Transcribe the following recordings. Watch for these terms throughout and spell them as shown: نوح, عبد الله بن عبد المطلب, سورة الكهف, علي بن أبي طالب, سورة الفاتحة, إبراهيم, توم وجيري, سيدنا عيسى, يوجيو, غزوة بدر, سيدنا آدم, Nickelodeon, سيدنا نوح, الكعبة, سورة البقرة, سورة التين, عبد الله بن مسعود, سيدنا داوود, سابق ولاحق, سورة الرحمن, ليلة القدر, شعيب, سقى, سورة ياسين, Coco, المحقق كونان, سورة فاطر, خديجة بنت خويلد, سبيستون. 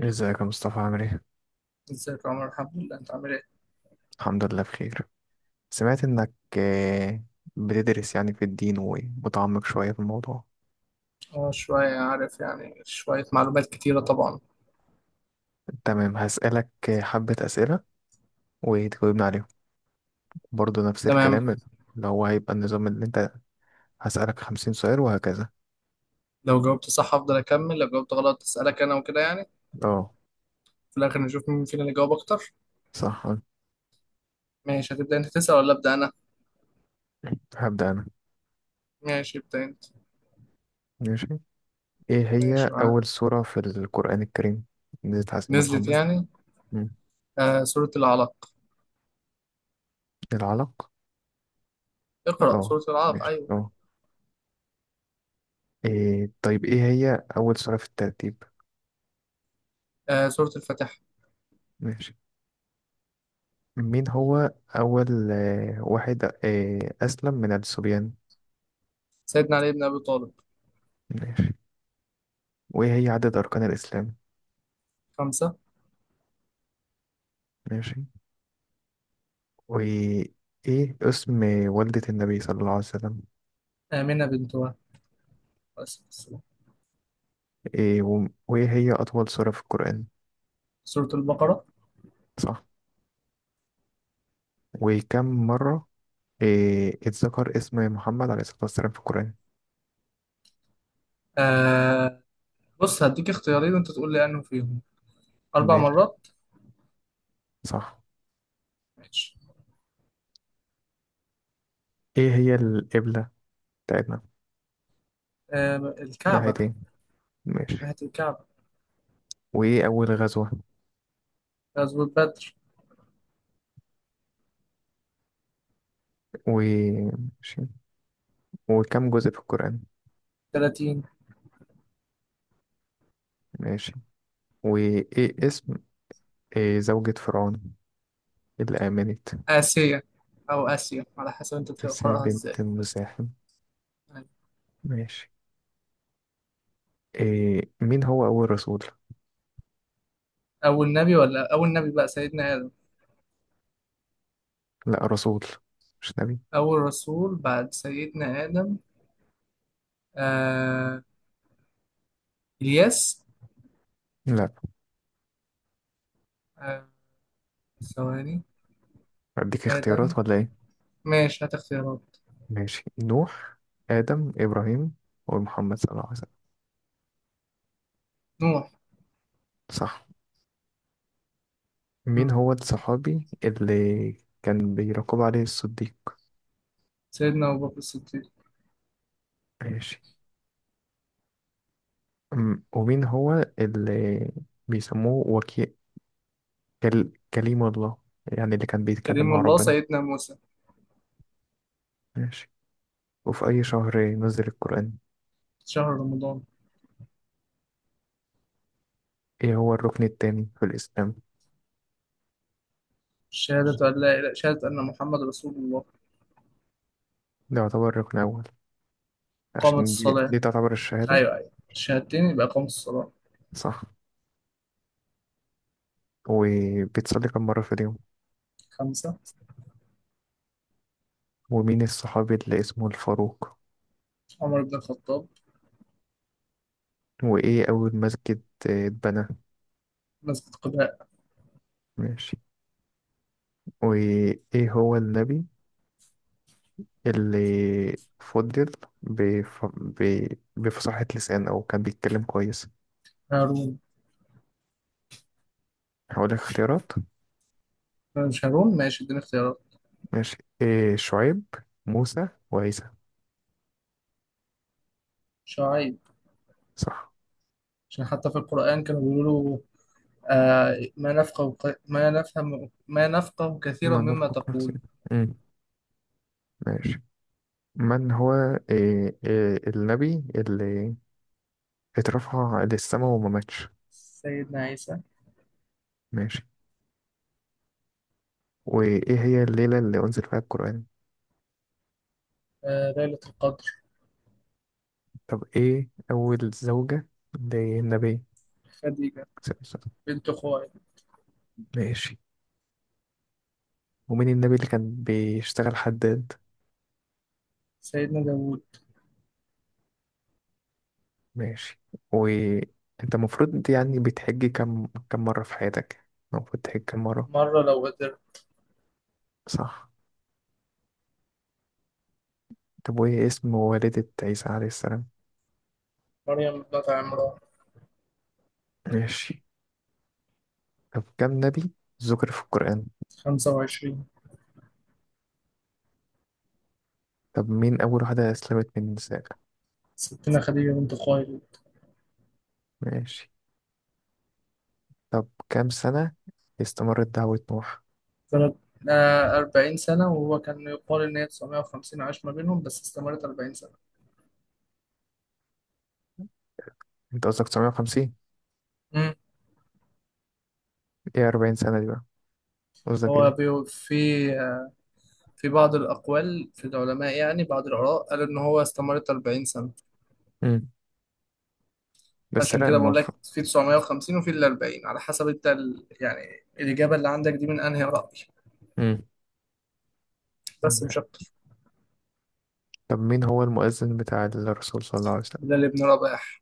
ازيك يا مصطفى؟ عامل ايه؟ ازيك يا عمر، الحمد لله، انت عامل ايه؟ الحمد لله بخير. سمعت انك آه، بتدرس يعني في الدين ومتعمق شوية في الموضوع. اه شوية، عارف يعني شوية معلومات كتيرة طبعا. تمام، هسألك حبة أسئلة وتجاوبني عليهم، برضه نفس تمام. الكلام اللي هو هيبقى النظام اللي انت. هسألك خمسين سؤال وهكذا. لو جاوبت صح افضل اكمل، لو جاوبت غلط اسألك انا وكده يعني. اه. في الاخر نشوف مين فينا اللي جاوب اكتر. صح. ماشي، هتبدأ انت تسأل ولا ابدأ انا؟ هبدأ أنا. ماشي، ابدأ انت. ماشي. ايه ماشي هي معاك. أول سورة في القرآن الكريم نزلت على سيدنا نزلت محمد؟ يعني. مم. سورة العلق. العلق. اقرأ اه، سورة العلق، ماشي، ايوه. اه. إيه طيب، ايه هي أول سورة في الترتيب؟ سورة الفاتحة. ماشي. مين هو أول واحد أسلم من الصبيان؟ سيدنا علي بن ابي طالب. ماشي. وإيه هي عدد أركان الإسلام؟ خمسة. ماشي. وإيه اسم والدة النبي صلى الله عليه وسلم؟ آمنة بنت وهب، عليه الصلاة والسلام. إيه وإيه هي أطول سورة في القرآن؟ سورة البقرة. صح. وكم مرة إيه اتذكر اسم محمد عليه الصلاة والسلام في القرآن؟ آه بص، هديك اختيارين وانت تقول لي انه فيهم اربع ماشي، مرات. صح. ماشي. إيه هي القبلة بتاعتنا؟ ناحية الكعبة. إيه؟ ماشي. ناحية الكعبة. وإيه أول غزوة؟ غزوة بدر. وماشي. وكم جزء في القرآن؟ 30. ماشي. وإيه زوجة فرعون اللي آمنت؟ آسيا، أو آسيا على حسب أنت تسيا بتقرأها إزاي بنت المزاحم. يعني. ماشي. إيه، مين هو أول رسول؟ أول نبي ولا أول نبي بقى سيدنا آدم. لا، رسول مش نبي. أول رسول بعد سيدنا آدم. آه إلياس. لا. آه ثواني. أديك آدم. اختيارات ولا إيه؟ ماشي، هات اختيارات. ماشي، نوح، آدم، إبراهيم، ومحمد صلى الله عليه وسلم. نوح. صح. مين مم. هو الصحابي اللي كان بيراقب عليه الصديق؟ سيدنا أبو بكر الصديق. ماشي. ومين هو اللي بيسموه وكيل كليم الله، يعني اللي كان بيتكلم كريم مع الله، ربنا؟ سيدنا موسى. ماشي. وفي أي شهر نزل القرآن؟ شهر رمضان. ايه هو الركن التاني في الإسلام؟ شهادة أن لا إله، شهادة أن محمد رسول الله. ده يعتبر ركن أول، قامت عشان دي, الصلاة. دي تعتبر الشهادة. أيوه أيوه، الشهادتين يبقى قامت الصلاة. صح. وبتصلي كم مرة في اليوم؟ خمسة. ومين الصحابي اللي اسمه الفاروق؟ عمر بن الخطاب. وإيه أول مسجد اتبنى؟ مسجد قباء. ماشي. وإيه هو النبي اللي فضل بف... ب... بفصاحة لسان أو كان بيتكلم كويس؟ هارون. هقول لك اختيارات. مش هارون، ماشي اديني اختيارات. ماشي، إيه، شعيب، موسى، وعيسى. شعيب. صح. عشان حتى في القرآن كانوا بيقولوا له: ما نفقه ما نفهم، ما نفقه كثيرا ما مما نرفق تقول. نفسنا. مم. ماشي. من هو إيه النبي اللي اترفع للسماء وما ماتش؟ سيدنا عيسى. ماشي. وإيه هي الليلة اللي أنزل فيها القرآن؟ ليلة القدر. طب إيه أول زوجة للنبي خديجة صلى الله عليه وسلم؟ بنت خويلد. ماشي. ومين النبي اللي كان بيشتغل حداد؟ سيدنا داوود. ماشي. وأنت المفروض يعني بتحج كم مرة في حياتك؟ المفروض تحج كم مرة؟ مرة لو قدر. صح. طب وإيه اسم والدة عيسى عليه السلام؟ مريم بنت عمران. ماشي. طب كم نبي ذكر في القرآن؟ خمسة وعشرين. طب مين أول واحدة أسلمت من النساء؟ ستنا خديجة بنت خويلد. ماشي. طب كام سنة استمرت دعوة نوح؟ سنة. أربعين سنة، وهو كان يقال إن هي 950 عاش ما بينهم، بس استمرت أربعين سنة. أنت قصدك 950؟ إيه 40 سنة دي بقى؟ قصدك هو إيه؟ بيو- في في بعض الأقوال في العلماء يعني بعض الآراء، قالوا إن هو استمرت 40 سنة. امم بس عشان لا، كده بقول لك المفروض. في 950 وفي ال 40، على حسب أنت يعني الإجابة اللي عندك دي من أنهي رأي. امم بس مش أكتر. طب مين هو المؤذن بتاع الرسول صلى الله عليه ده وسلم؟ لابن رباح.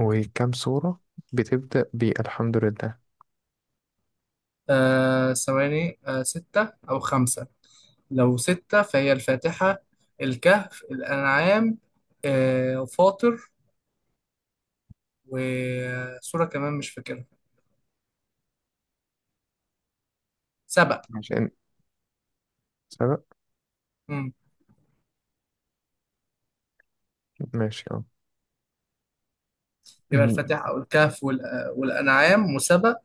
وكم سورة بتبدأ بالحمد لله؟ ثواني، ستة أو خمسة. لو ستة فهي الفاتحة، الكهف، الأنعام، فاطر، وسورة كمان مش فاكرها. سبأ. ماشي، عشان سبق. مم. ماشي، اه. يبقى أمم، الفاتحة أو الكهف والأنعام وسبأ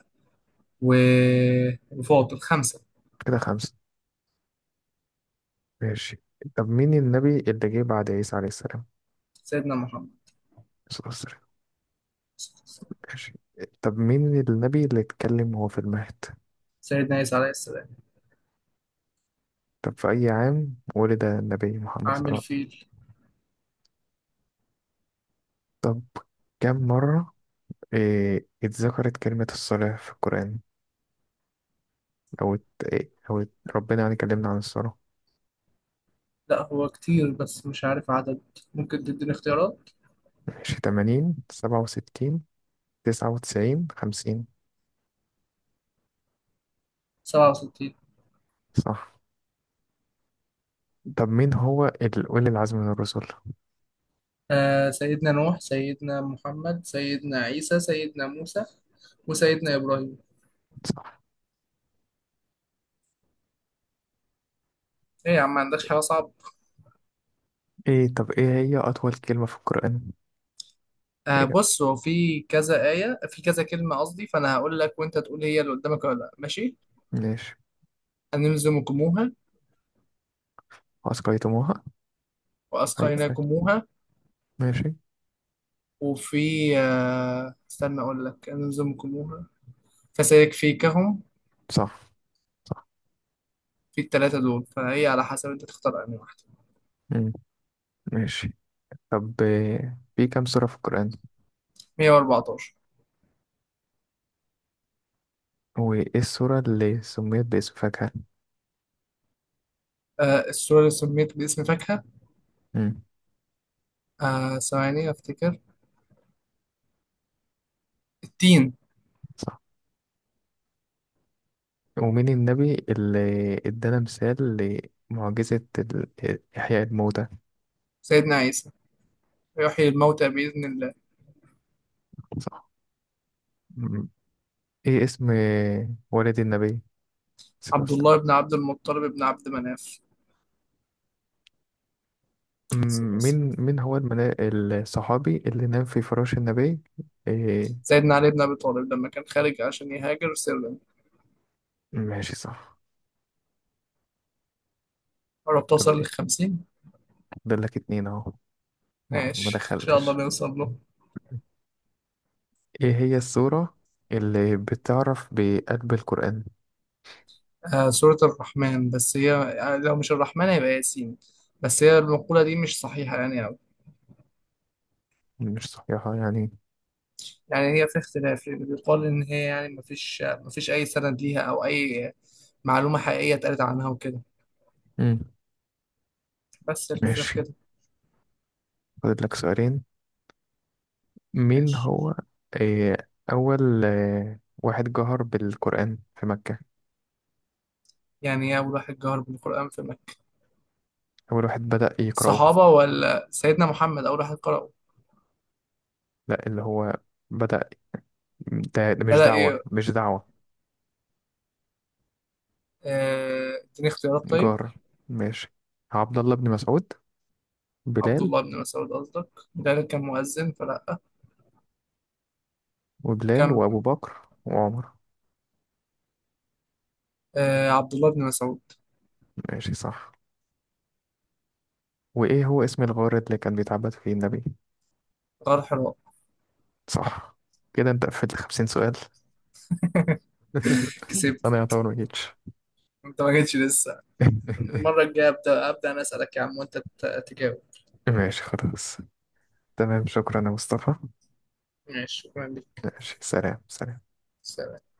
وفاطر، خمسة. كده خمسة. ماشي. طب مين النبي اللي جه بعد عيسى عليه السلام؟ سيدنا محمد. الصلاة والسلام. ماشي. طب مين النبي اللي اتكلم وهو في المهد؟ سيدنا عيسى عليه السلام. طب في أي عام ولد النبي محمد صلى الله عامل عليه وسلم؟ فيل. طب كم مرة إيه اتذكرت كلمة الصلاة في القرآن؟ أو ات... إيه أو ات... ربنا يعني كلمنا عن الصلاة. لا هو كتير، بس مش عارف عدد. ممكن تديني اختيارات. ماشي، تمانين، سبعة وستين، تسعة وتسعين، خمسين. سبعة وستين. صح. طب مين هو أولي العزم من الرسل؟ سيدنا نوح، سيدنا محمد، سيدنا عيسى، سيدنا موسى، وسيدنا إبراهيم. صح. ايه يا عم، ما عندكش حاجة صعبة. إيه طب إيه هي أطول كلمة في القرآن؟ إيه ده؟ بص، هو في كذا آية في كذا كلمة قصدي، فأنا هقول لك وأنت تقول هي اللي قدامك ولا لأ، ماشي. ماشي. أنلزمكموها. أسقيتموها. أي أي. وأسقيناكموها. ماشي، وفي استنى أقول لك، أنلزمكموها، فسيكفيكهم. صح. في الثلاثة دول، فهي على حسب أنت تختار أنهي واحدة. مم. ماشي. طب إيه، في كم سورة في القرآن؟ 114. وإيه السورة اللي سميت باسم فاكهة؟ السورة اللي سميت باسم فاكهة. مم. ثواني أفتكر. التين. صح. ومين النبي اللي ادانا مثال لمعجزة إحياء الموتى؟ سيدنا عيسى، يحيي الموتى بإذن الله. صح. مم. إيه اسم والد النبي صلى الله عليه عبد وسلم؟ الله بن عبد المطلب بن عبد مناف، صلى الله مم. عليه مين وسلم. مين هو الصحابي اللي نام في فراش النبي؟ إيه. سيدنا علي بن أبي طالب، لما كان خارج عشان يهاجر سرا. ماشي، صح. قرب طب توصل إيه؟ للخمسين. فاضل لك اتنين أهو، ما ماشي إن شاء الله دخلتش. نوصل له. إيه هي السورة اللي بتعرف بقلب القرآن؟ سورة الرحمن، بس هي لو مش الرحمن هيبقى ياسين. بس هي المقولة دي مش صحيحة يعني. مش صحيحة يعني. يعني هي في اختلاف، لأن بيقال إن هي يعني مفيش أي سند ليها أو أي معلومة حقيقية اتقالت عنها وكده. مم. بس الفكرة في ماشي. كده. فاضل لك سؤالين. مين ماشي. هو آه، أول واحد جهر بالقرآن في مكة؟ يعني إيه أول واحد جهر بالقرآن في مكة؟ أول واحد بدأ يقرأه. الصحابة ولا سيدنا محمد أول واحد قرأه؟ لا، اللي هو بدأ. ده مش بدأ دعوة، إيه؟ مش دعوة. اديني اختيارات طيب. جار. ماشي، عبد الله بن مسعود، عبد بلال، الله بن مسعود قصدك؟ ده كان مؤذن فلا. وبلال كم. وأبو بكر وعمر. عبد الله بن مسعود. ماشي، صح. وإيه هو اسم الغار اللي كان بيتعبد فيه النبي؟ غار حراء. صح. كده أنت قفلت خمسين سؤال. كسبت. أنا يعتبر مجيتش. انت ما جيتش لسه. المرة الجاية أبدأ أنا أسألك يا عم، وأنت تجاوب. ماشي، خلاص. تمام، شكرا يا مصطفى. ماشي شكرا لك. ماشي، سلام سلام. سلام.